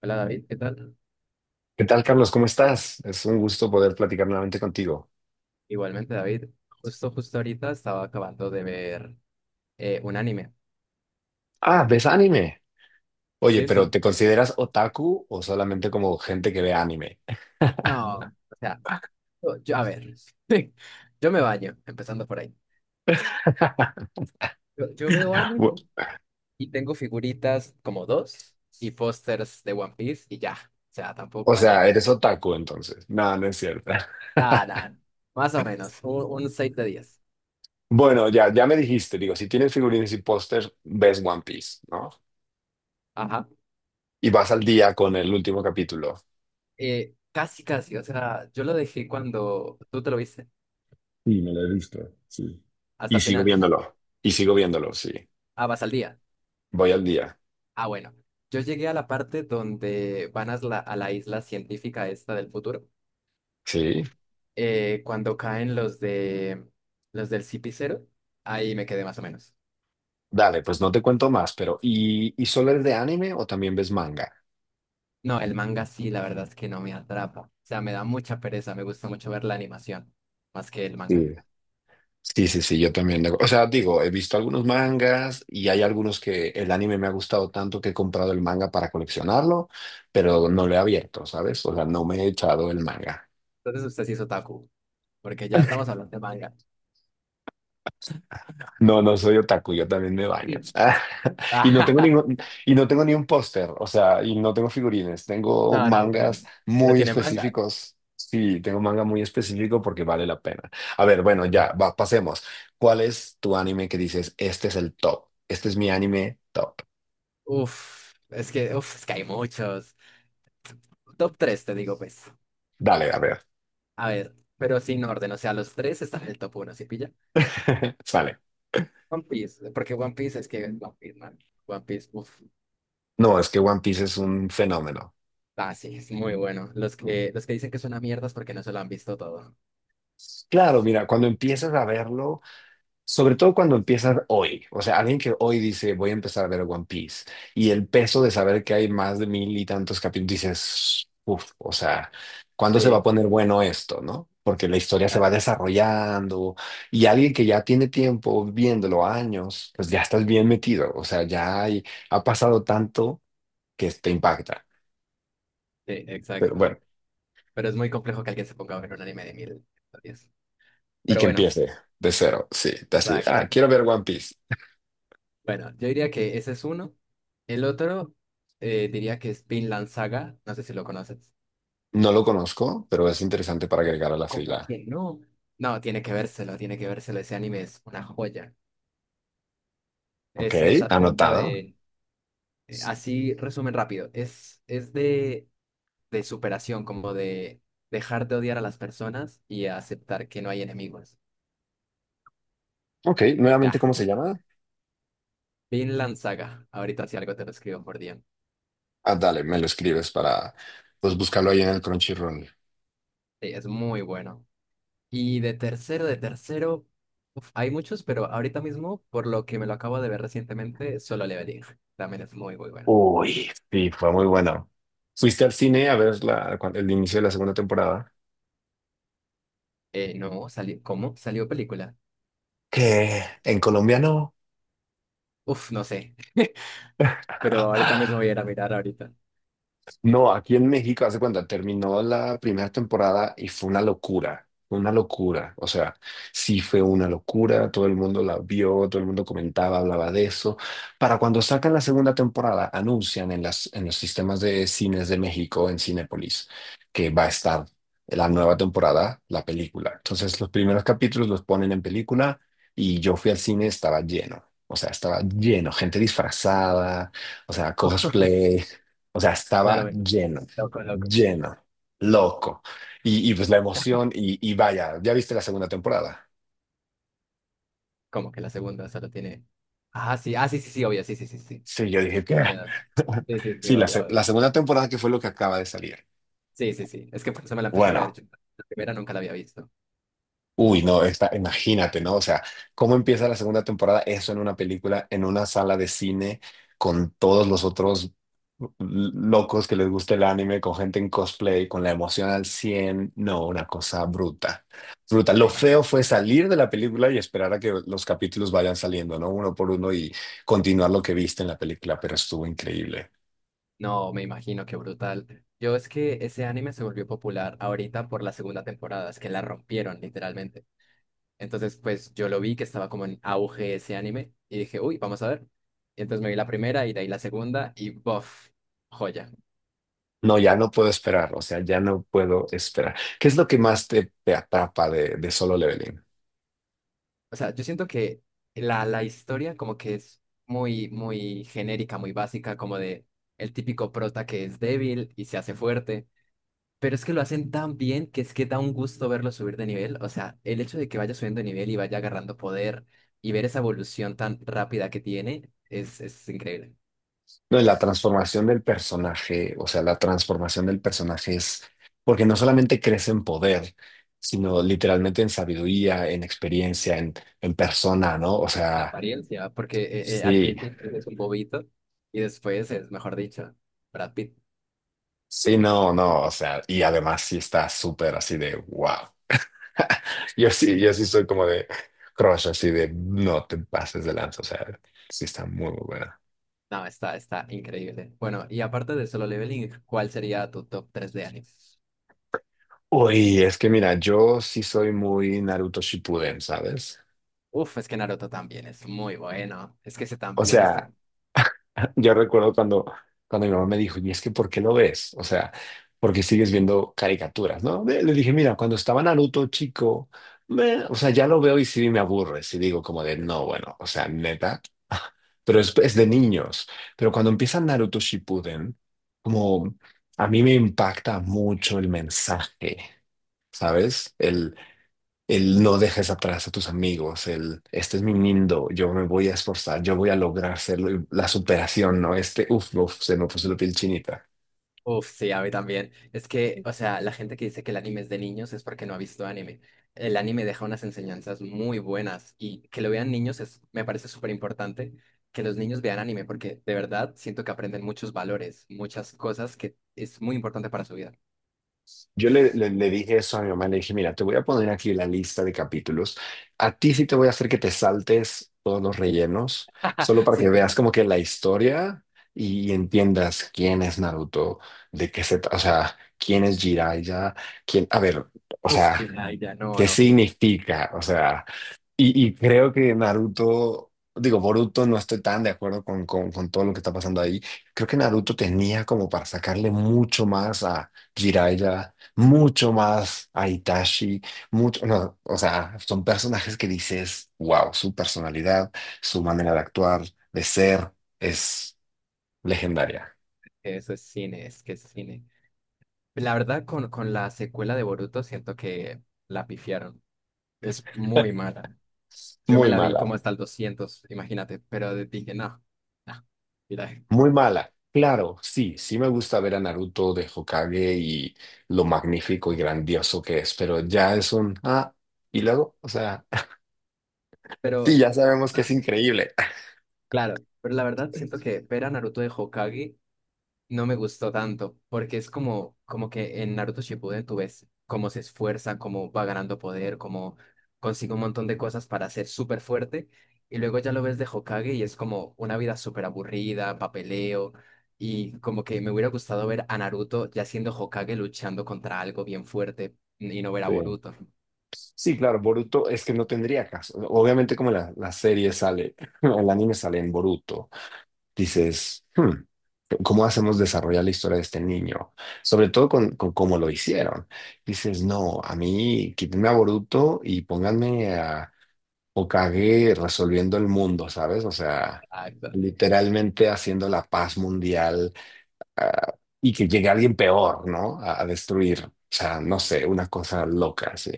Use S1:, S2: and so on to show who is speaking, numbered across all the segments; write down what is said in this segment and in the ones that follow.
S1: Hola David, ¿qué tal?
S2: ¿Qué tal, Carlos? ¿Cómo estás? Es un gusto poder platicar nuevamente contigo.
S1: Igualmente David, justo ahorita estaba acabando de ver un anime.
S2: Ah, ¿ves anime? Oye,
S1: Sí, sí.
S2: pero ¿te consideras otaku o solamente como gente que ve anime?
S1: No, o sea, a ver, yo me baño, empezando por ahí. Yo veo
S2: Bu-
S1: anime y tengo figuritas como dos y pósters de One Piece y ya. O sea,
S2: O
S1: tampoco
S2: sea,
S1: anime.
S2: eres otaku entonces. No, no es cierto.
S1: Nada, nada, más o menos, un 6 de 10.
S2: Bueno, ya, ya me dijiste, digo, si tienes figurines y póster, ves One Piece, ¿no?
S1: Ajá.
S2: Y vas al día con el último capítulo.
S1: Casi, casi, o sea, yo lo dejé cuando tú te lo viste,
S2: Sí, me lo he visto, sí.
S1: hasta
S2: Y
S1: el
S2: sigo
S1: final.
S2: viéndolo. Y sigo viéndolo, sí.
S1: Ah, vas al día.
S2: Voy al día.
S1: Ah, bueno, yo llegué a la parte donde van a la isla científica esta del futuro.
S2: Sí.
S1: Cuando caen los del Cipicero, ahí me quedé más o menos.
S2: Dale, pues no te cuento más, pero ¿y solo eres de anime o también ves manga?
S1: No, el manga sí, la verdad es que no me atrapa. O sea, me da mucha pereza, me gusta mucho ver la animación, más que el manga.
S2: Sí. Sí, sí, sí, yo también. O sea, digo, he visto algunos mangas y hay algunos que el anime me ha gustado tanto que he comprado el manga para coleccionarlo, pero no lo he abierto, ¿sabes? O sea, no me he echado el manga.
S1: Entonces usted sí es otaku, porque ya estamos hablando de manga.
S2: No, no soy otaku, yo también me baño.
S1: Sí.
S2: Y no tengo ningún, y no tengo ni un póster, o sea, y no tengo figurines, tengo
S1: No, no,
S2: mangas
S1: pero
S2: muy
S1: tiene manga.
S2: específicos. Sí, tengo manga muy específico porque vale la pena. A ver, bueno, ya, va, pasemos. ¿Cuál es tu anime que dices, este es el top? Este es mi anime top.
S1: Uf, es que hay muchos. Top 3 te digo, pues.
S2: Dale, a ver.
S1: A ver, pero sin orden, o sea, los tres están en el top uno, ¿sí pilla?
S2: Sale.
S1: One Piece, porque One Piece es que One Piece, man. One Piece, uff.
S2: No, es que One Piece es un fenómeno.
S1: Ah, sí, es muy bueno. Los que dicen que es una mierda es porque no se lo han visto todo.
S2: Claro, mira, cuando empiezas a verlo, sobre todo cuando empiezas hoy, o sea, alguien que hoy dice, voy a empezar a ver One Piece, y el peso de saber que hay más de mil y tantos capítulos, dices, uff, o sea, ¿cuándo se va a
S1: Sí,
S2: poner bueno esto, no? Porque la historia se
S1: ah,
S2: va desarrollando y alguien que ya tiene tiempo viéndolo años, pues ya estás bien metido, o sea, ha pasado tanto que te impacta.
S1: sí,
S2: Pero
S1: exacto.
S2: bueno.
S1: Pero es muy complejo que alguien se ponga a ver un anime de mil historias.
S2: Y
S1: Pero
S2: que
S1: bueno,
S2: empiece de cero, sí. de Así de,
S1: exacto.
S2: quiero ver One Piece.
S1: Bueno, yo diría que ese es uno. El otro diría que es Vinland Saga. No sé si lo conoces.
S2: No lo conozco, pero es interesante para agregar a la
S1: ¿Cómo
S2: fila.
S1: que no? No, tiene que vérselo. Ese anime es una joya.
S2: Ok,
S1: Es acerca
S2: anotado.
S1: de, así resumen rápido, es de superación, como de dejar de odiar a las personas y aceptar que no hay enemigos.
S2: Ok,
S1: Ya,
S2: nuevamente, ¿cómo se llama?
S1: Vinland Saga, ahorita si algo te lo escribo por DM.
S2: Ah, dale, me lo escribes para, pues, buscarlo ahí en el Crunchyroll.
S1: Sí, es muy bueno. Y de tercero, uf, hay muchos, pero ahorita mismo, por lo que me lo acabo de ver recientemente, Solo Leveling, también es muy bueno.
S2: Uy, sí, fue muy bueno. Fuiste al cine a ver el inicio de la segunda temporada.
S1: No, salió, ¿cómo? ¿Salió película?
S2: Que en Colombia no.
S1: Uf, no sé, pero ahorita mismo voy a ir a mirar ahorita.
S2: No, aquí en México, hace cuando terminó la primera temporada y fue una locura, fue una locura. O sea, sí fue una locura, todo el mundo la vio, todo el mundo comentaba, hablaba de eso. Para cuando sacan la segunda temporada, anuncian en los sistemas de cines de México, en Cinépolis, que va a estar la nueva temporada, la película. Entonces, los primeros capítulos los ponen en película y yo fui al cine, estaba lleno. O sea, estaba lleno, gente disfrazada, o sea, cosplay. O sea, estaba
S1: Claro,
S2: lleno,
S1: loco, loco.
S2: lleno, loco. Y pues la emoción, y vaya, ¿ya viste la segunda temporada?
S1: Como que la segunda solo tiene. Ah, sí, ah, sí, sí, sí, obvio, sí, sí, sí, sí.
S2: Sí, yo dije que...
S1: Tiene dos. Sí, sí, sí,
S2: Sí,
S1: obvio,
S2: la
S1: obvio.
S2: segunda temporada que fue lo que acaba de salir.
S1: Sí, sí, sí. Es que por eso me la empecé a ver.
S2: Bueno.
S1: Yo la primera nunca la había visto.
S2: Uy, no, está, imagínate, ¿no? O sea, ¿cómo empieza la segunda temporada? Eso en una película, en una sala de cine, con todos los otros locos que les gusta el anime, con gente en cosplay, con la emoción al cien. No, una cosa bruta. Bruta. Lo
S1: Me imagino.
S2: feo fue salir de la película y esperar a que los capítulos vayan saliendo, ¿no? Uno por uno y continuar lo que viste en la película, pero estuvo increíble.
S1: No, me imagino, qué brutal. Yo es que ese anime se volvió popular ahorita por la segunda temporada, es que la rompieron, literalmente. Entonces, pues yo lo vi que estaba como en auge ese anime y dije, uy, vamos a ver. Y entonces me vi la primera y de ahí la segunda y bof, joya.
S2: No, ya no puedo esperar, o sea, ya no puedo esperar. ¿Qué es lo que más te atrapa de Solo Leveling?
S1: O sea, yo siento que la historia como que es muy genérica, muy básica, como de el típico prota que es débil y se hace fuerte. Pero es que lo hacen tan bien que es que da un gusto verlo subir de nivel. O sea, el hecho de que vaya subiendo de nivel y vaya agarrando poder y ver esa evolución tan rápida que tiene es increíble.
S2: No, y la transformación del personaje, o sea, la transformación del personaje es porque no solamente crece en poder, sino literalmente en sabiduría, en experiencia, en persona, ¿no? O
S1: En
S2: sea,
S1: apariencia, porque al
S2: sí,
S1: principio es un bobito y después es, mejor dicho, Brad Pitt.
S2: sí, no, no, o sea, y además sí está súper así de wow. Yo sí soy como de crush, así de no te pases de lanza, o sea, sí está muy, muy buena.
S1: No, está increíble. Bueno, y aparte de Solo Leveling, ¿cuál sería tu top 3 de animes?
S2: Uy, es que mira, yo sí soy muy Naruto Shippuden, ¿sabes?
S1: Uf, es que Naruto también es muy bueno. Es que ese
S2: O
S1: también está.
S2: sea, yo recuerdo cuando mi mamá me dijo, ¿y es que por qué lo ves? O sea, porque sigues viendo caricaturas, ¿no? Le dije, mira, cuando estaba Naruto chico, o sea, ya lo veo y sí me aburre, sí digo como de, no, bueno, o sea, neta, pero es de niños. Pero cuando empieza Naruto Shippuden, como a mí me impacta mucho el mensaje. ¿Sabes? El no dejes atrás a tus amigos, el este es mi mundo, yo me voy a esforzar, yo voy a lograr hacerlo, y la superación, ¿no? Este, uff, uff, se me puso la piel chinita.
S1: Uf, sí, a mí también. Es que, o sea, la gente que dice que el anime es de niños es porque no ha visto anime. El anime deja unas enseñanzas muy buenas y que lo vean niños es, me parece súper importante que los niños vean anime porque de verdad siento que aprenden muchos valores, muchas cosas que es muy importante para su vida.
S2: Yo le dije eso a mi mamá, le dije, mira, te voy a poner aquí la lista de capítulos. A ti sí te voy a hacer que te saltes todos los rellenos, solo para que
S1: Sí,
S2: veas como que la historia y entiendas quién es Naruto, de qué o sea, quién es Jiraiya, quién, a ver, o
S1: uf,
S2: sea,
S1: ya, ya, no,
S2: qué
S1: no, que
S2: significa, o sea. Y creo que Naruto, digo, Boruto, no estoy tan de acuerdo con, todo lo que está pasando ahí. Creo que Naruto tenía como para sacarle mucho más a Jiraiya, mucho más a Itachi, mucho, no, o sea, son personajes que dices, wow, su personalidad, su manera de actuar, de ser, es legendaria.
S1: que eso es cine, es que es cine. La verdad, con la secuela de Boruto siento que la pifiaron. Es muy mala. Yo me
S2: Muy
S1: la vi como
S2: mala.
S1: hasta el 200 imagínate, pero dije, no, no, mira.
S2: Muy mala. Claro, sí, sí me gusta ver a Naruto de Hokage y lo magnífico y grandioso que es, pero ya es un... Ah, y luego, o sea,
S1: Pero,
S2: sí, ya sabemos que es
S1: ah,
S2: increíble.
S1: claro, pero la verdad siento que ver a Naruto de Hokage no me gustó tanto, porque es como, como que en Naruto Shippuden tú ves cómo se esfuerza, cómo va ganando poder, cómo consigue un montón de cosas para ser súper fuerte, y luego ya lo ves de Hokage y es como una vida súper aburrida, papeleo, y como que me hubiera gustado ver a Naruto ya siendo Hokage luchando contra algo bien fuerte y no ver a
S2: Sí.
S1: Boruto.
S2: Sí, claro, Boruto es que no tendría caso. Obviamente como la serie sale, el anime sale en Boruto, dices, ¿cómo hacemos desarrollar la historia de este niño? Sobre todo con cómo lo hicieron. Dices, no, a mí quítenme a Boruto y pónganme a... o cagué resolviendo el mundo, ¿sabes? O sea,
S1: Exacto.
S2: literalmente haciendo la paz mundial, ah, y que llegue alguien peor, ¿no? A destruir. O sea, no sé, una cosa loca, sí.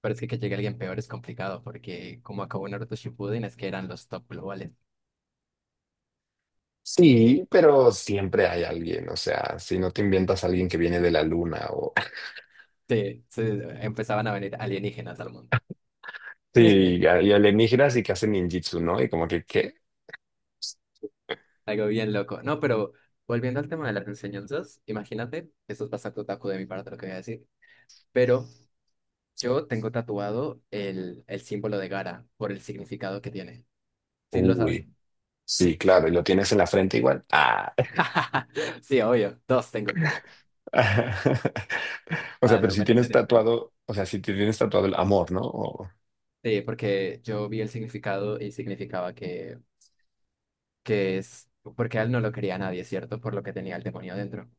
S1: Pero es que llegue alguien peor es complicado, porque como acabó Naruto Shippuden es que eran los top globales.
S2: Sí, pero siempre hay alguien, o sea, si no te inventas a alguien que viene de la luna o...
S1: Sí, sí, sí, sí, empezaban a venir alienígenas al mundo.
S2: Sí, y a- y alienígenas y que hacen ninjitsu, ¿no? Y como que, ¿qué?
S1: Algo bien loco. No, pero volviendo al tema de las enseñanzas, imagínate, esto es bastante otaku de mi parte lo que voy a decir, pero yo tengo tatuado el símbolo de Gara por el significado que tiene. ¿Sí lo
S2: Uy,
S1: saben?
S2: sí, claro, y lo tienes en la frente igual. Ah.
S1: Sí, obvio, dos tengo.
S2: O sea,
S1: Ah,
S2: pero
S1: no,
S2: si
S1: pero en
S2: tienes
S1: serio, pero-
S2: tatuado, o sea, si te tienes tatuado el amor, ¿no?
S1: Sí, porque yo vi el significado y significaba que es, porque a él no lo quería nadie, ¿cierto? Por lo que tenía el demonio adentro.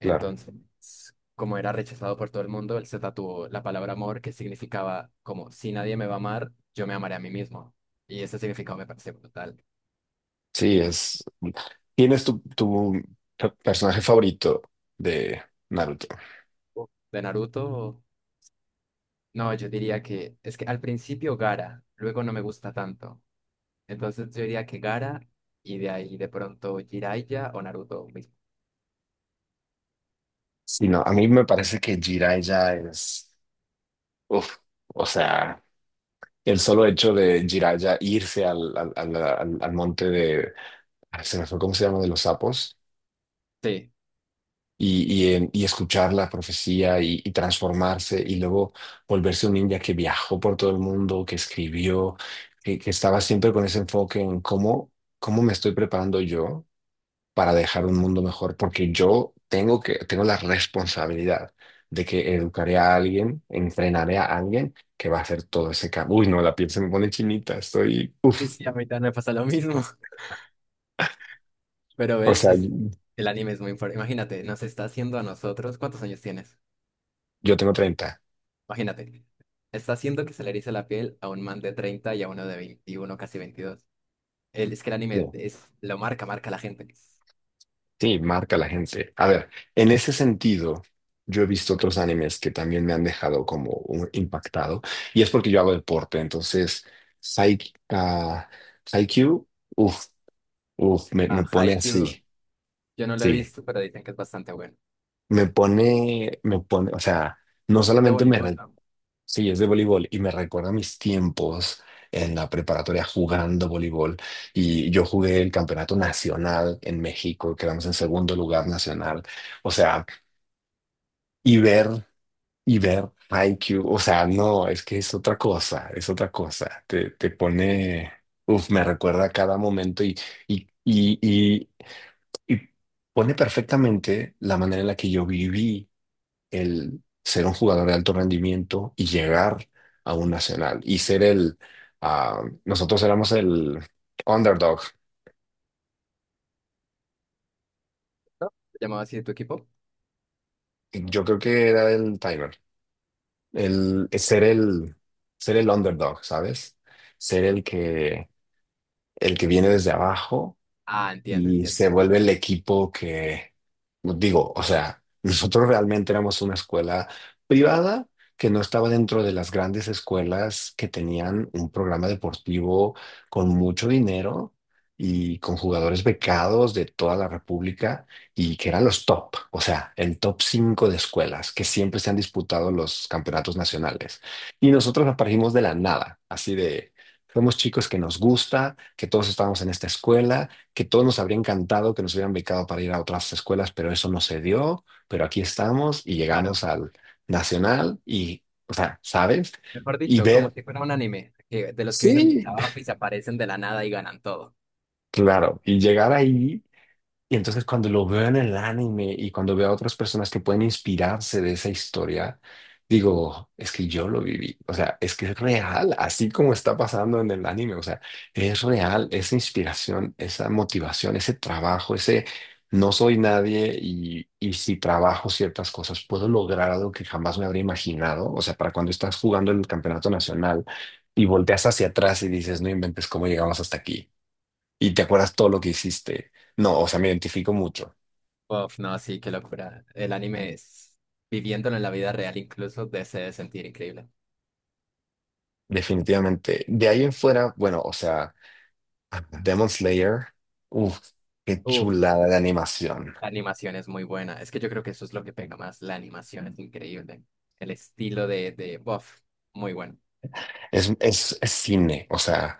S2: Claro.
S1: Entonces, como era rechazado por todo el mundo, él se tatuó la palabra amor, que significaba como, si nadie me va a amar, yo me amaré a mí mismo. Y ese significado me pareció brutal.
S2: Sí, es... ¿Tienes tu personaje favorito de Naruto?
S1: De Naruto, no, yo diría que es que al principio Gara, luego no me gusta tanto. Entonces yo diría que Gara y de ahí de pronto Jiraiya o Naruto mismo.
S2: Sí, no, a mí me parece que Jiraiya es... Uf, o sea, el solo hecho de Jiraiya irse al monte de... se me fue, ¿cómo se llama? De los sapos.
S1: Sí,
S2: Y escuchar la profecía y transformarse y luego volverse un ninja que viajó por todo el mundo, que escribió, que estaba siempre con ese enfoque en cómo me estoy preparando yo para dejar un mundo mejor, porque yo tengo la responsabilidad de que educaré a alguien, entrenaré a alguien que va a hacer todo ese cambio. Uy, no, la piel se me pone chinita, estoy,
S1: sí, sí, a mí también me pasa lo mismo. Pero
S2: o
S1: ves,
S2: sea,
S1: es, el anime es muy importante. Imagínate, nos está haciendo a nosotros. ¿Cuántos años tienes?
S2: yo tengo 30.
S1: Imagínate, está haciendo que se le erice la piel a un man de 30 y a uno de 21, casi veintidós. El, es que el
S2: Sí,
S1: anime es, lo marca, marca a la gente.
S2: sí, marca la gente. A ver, en ese sentido, yo he visto otros animes que también me han dejado como impactado, y es porque yo hago deporte, entonces, Psy, ah, Haikyuu, uff, uff, me,
S1: A
S2: me pone
S1: Haikyuu,
S2: así,
S1: yo no lo he
S2: sí.
S1: visto, pero dicen que es bastante bueno.
S2: Me pone, me pone, o sea, no
S1: Es de
S2: solamente me,
S1: voleibol, ¿no?
S2: sí, es de voleibol y me recuerda mis tiempos en la preparatoria jugando voleibol y yo jugué el campeonato nacional en México, quedamos en segundo lugar nacional, o sea, y ver, y ver Haikyuu, o sea, no, es que es otra cosa, te pone, uf, me recuerda cada momento y, y, y y pone perfectamente la manera en la que yo viví el ser un jugador de alto rendimiento y llegar a un nacional y ser el, nosotros éramos el underdog.
S1: ¿No? ¿Se llamaba así tu equipo?
S2: Yo creo que era el timer, el ser el underdog, ¿sabes? Ser el que viene desde abajo
S1: Ah, entiendo,
S2: y
S1: entiendo.
S2: se vuelve el equipo que, pues, digo, o sea, nosotros realmente éramos una escuela privada que no estaba dentro de las grandes escuelas que tenían un programa deportivo con mucho dinero y con jugadores becados de toda la República y que eran los top, o sea, el top 5 de escuelas que siempre se han disputado los campeonatos nacionales. Y nosotros aparecimos de la nada, así de, somos chicos que nos gusta, que todos estábamos en esta escuela que todos nos habría encantado que nos hubieran becado para ir a otras escuelas, pero eso no se dio, pero aquí estamos y
S1: Claro.
S2: llegamos al nacional y, o sea, ¿sabes?
S1: Mejor
S2: Y
S1: dicho, como
S2: ver,
S1: si fuera un anime, de los que vienen de
S2: sí,
S1: abajo y se aparecen de la nada y ganan todo.
S2: claro, y llegar ahí. Y entonces cuando lo veo en el anime y cuando veo a otras personas que pueden inspirarse de esa historia, digo, es que yo lo viví. O sea, es que es real, así como está pasando en el anime. O sea, es real esa inspiración, esa motivación, ese trabajo, ese no soy nadie y si trabajo ciertas cosas, puedo lograr algo que jamás me habría imaginado. O sea, para cuando estás jugando en el campeonato nacional y volteas hacia atrás y dices, no inventes cómo llegamos hasta aquí y te acuerdas todo lo que hiciste. No, o sea, me identifico mucho,
S1: Uf, no, sí, qué locura. El anime es, viviéndolo en la vida real incluso, de se debe sentir increíble.
S2: definitivamente. De ahí en fuera, bueno, o sea, Demon Slayer, uff, qué
S1: Uf,
S2: chulada de animación.
S1: la animación es muy buena. Es que yo creo que eso es lo que pega más. La animación es increíble. El estilo de buff, muy bueno.
S2: Es cine, o sea,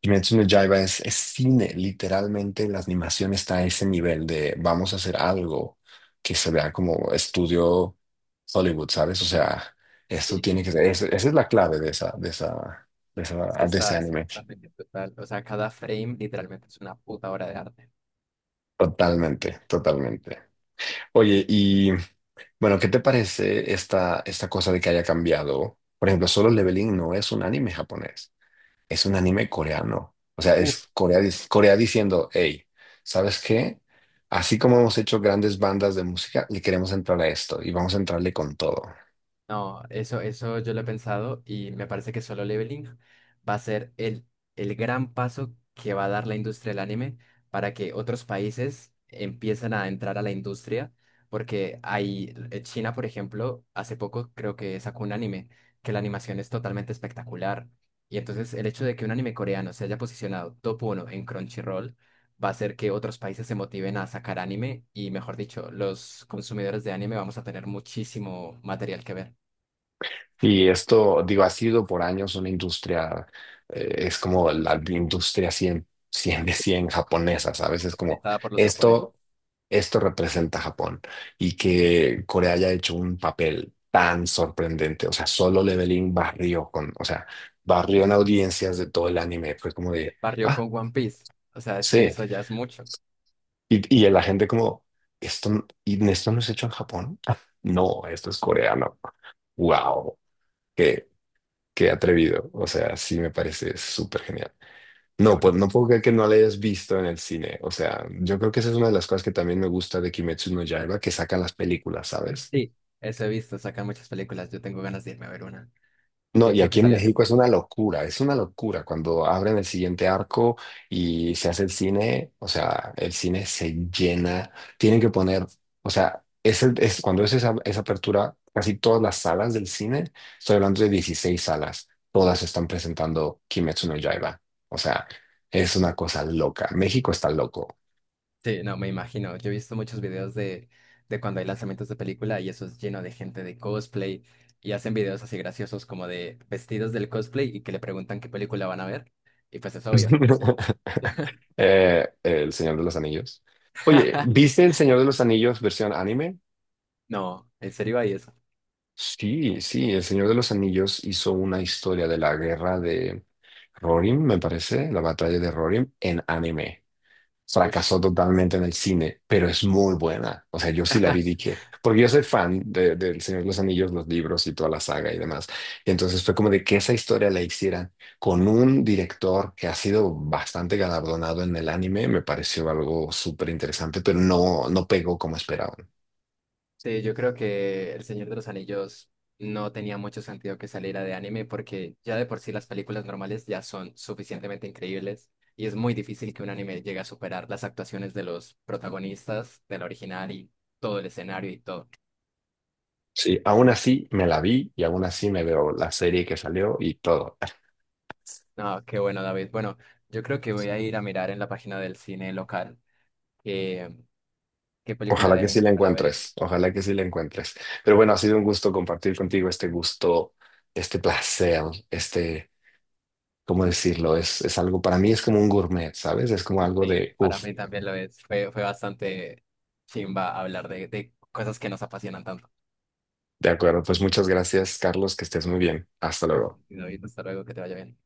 S2: Kimetsu no Yaiba es cine, literalmente la animación está a ese nivel de vamos a hacer algo que se vea como estudio Hollywood, ¿sabes? O sea, esto
S1: Sí,
S2: tiene que ser, esa es la clave de esa, de esa, de esa,
S1: es que
S2: de ese
S1: está, es
S2: anime.
S1: totalmente brutal. O sea, cada frame literalmente es una puta obra de arte.
S2: Totalmente, totalmente. Oye, y bueno, ¿qué te parece esta cosa de que haya cambiado? Por ejemplo, Solo Leveling no es un anime japonés, es un anime coreano. O sea,
S1: Uf,
S2: es Corea, Corea diciendo, hey, ¿sabes qué? Así como hemos hecho grandes bandas de música, le queremos entrar a esto y vamos a entrarle con todo.
S1: no, eso yo lo he pensado y me parece que solo leveling va a ser el gran paso que va a dar la industria del anime para que otros países empiecen a entrar a la industria, porque hay, China, por ejemplo, hace poco creo que sacó un anime que la animación es totalmente espectacular. Y entonces el hecho de que un anime coreano se haya posicionado top uno en Crunchyroll va a hacer que otros países se motiven a sacar anime y, mejor dicho, los consumidores de anime vamos a tener muchísimo material que ver.
S2: Y esto, digo, ha sido por años una industria, es como la industria 100 100 de 100 japonesa, ¿sabes? Es como
S1: Japonizada por los japoneses,
S2: esto. Esto representa a Japón y que Corea haya hecho un papel tan sorprendente. O sea, Solo Leveling barrió con, o sea, barrió en audiencias de todo el anime. Fue como
S1: que
S2: de,
S1: barrió
S2: ah,
S1: con One Piece. O sea, es que
S2: sí.
S1: eso ya es mucho.
S2: Y la gente como, esto, y esto no es hecho en Japón. Ah, no, esto es coreano. Wow, qué, qué atrevido. O sea, sí me parece súper genial.
S1: Qué
S2: No, pues
S1: bruto.
S2: no puedo creer que no la hayas visto en el cine. O sea, yo creo que esa es una de las cosas que también me gusta de Kimetsu no Yaiba, que sacan las películas, ¿sabes?
S1: Sí, eso he visto, sacan muchas películas. Yo tengo ganas de irme a ver una,
S2: No,
S1: que
S2: y
S1: creo que
S2: aquí en
S1: salió hace
S2: México
S1: poco.
S2: es una locura cuando abren el siguiente arco y se hace el cine, o sea, el cine se llena, tienen que poner, o sea, cuando es esa, apertura, casi todas las salas del cine, estoy hablando de 16 salas, todas están presentando Kimetsu no Yaiba, o sea, es una cosa loca, México está loco.
S1: Sí, no, me imagino. Yo he visto muchos videos de cuando hay lanzamientos de película y eso es lleno de gente de cosplay y hacen videos así graciosos como de vestidos del cosplay y que le preguntan qué película van a ver. Y pues es obvio.
S2: El Señor de los Anillos. Oye, ¿viste El Señor de los Anillos versión anime?
S1: No, ¿en serio hay eso?
S2: Sí, sí, El Señor de los Anillos hizo una historia de la guerra de Rohirrim, me parece, la batalla de Rohirrim, en anime.
S1: Ush.
S2: Fracasó totalmente en el cine, pero es muy buena. O sea, yo sí la vi, dije, porque yo soy fan del Señor de los Anillos, los libros y toda la saga y demás. Y entonces fue como de que esa historia la hicieran con un director que ha sido bastante galardonado en el anime, me pareció algo súper interesante, pero no, no pegó como esperaban.
S1: Sí, yo creo que El Señor de los Anillos no tenía mucho sentido que saliera de anime porque ya de por sí las películas normales ya son suficientemente increíbles y es muy difícil que un anime llegue a superar las actuaciones de los protagonistas del original y todo el escenario y todo.
S2: Sí, aún así me la vi y aún así me veo la serie que salió y todo.
S1: No, qué bueno, David. Bueno, yo creo que voy a ir a mirar en la página del cine local qué, qué película
S2: Ojalá
S1: de
S2: que sí
S1: anime
S2: la
S1: para ver.
S2: encuentres, ojalá que sí la encuentres. Pero bueno, ha sido un gusto compartir contigo este gusto, este placer, este, ¿cómo decirlo? Es algo, para mí es como un gourmet, ¿sabes? Es como algo
S1: Sí,
S2: de,
S1: para
S2: uff,
S1: mí también lo es. Fue, fue bastante chimba hablar de cosas que nos apasionan tanto.
S2: de acuerdo. Pues muchas gracias, Carlos, que estés muy bien. Hasta
S1: Gracias,
S2: luego.
S1: David. Hasta luego, que te vaya bien.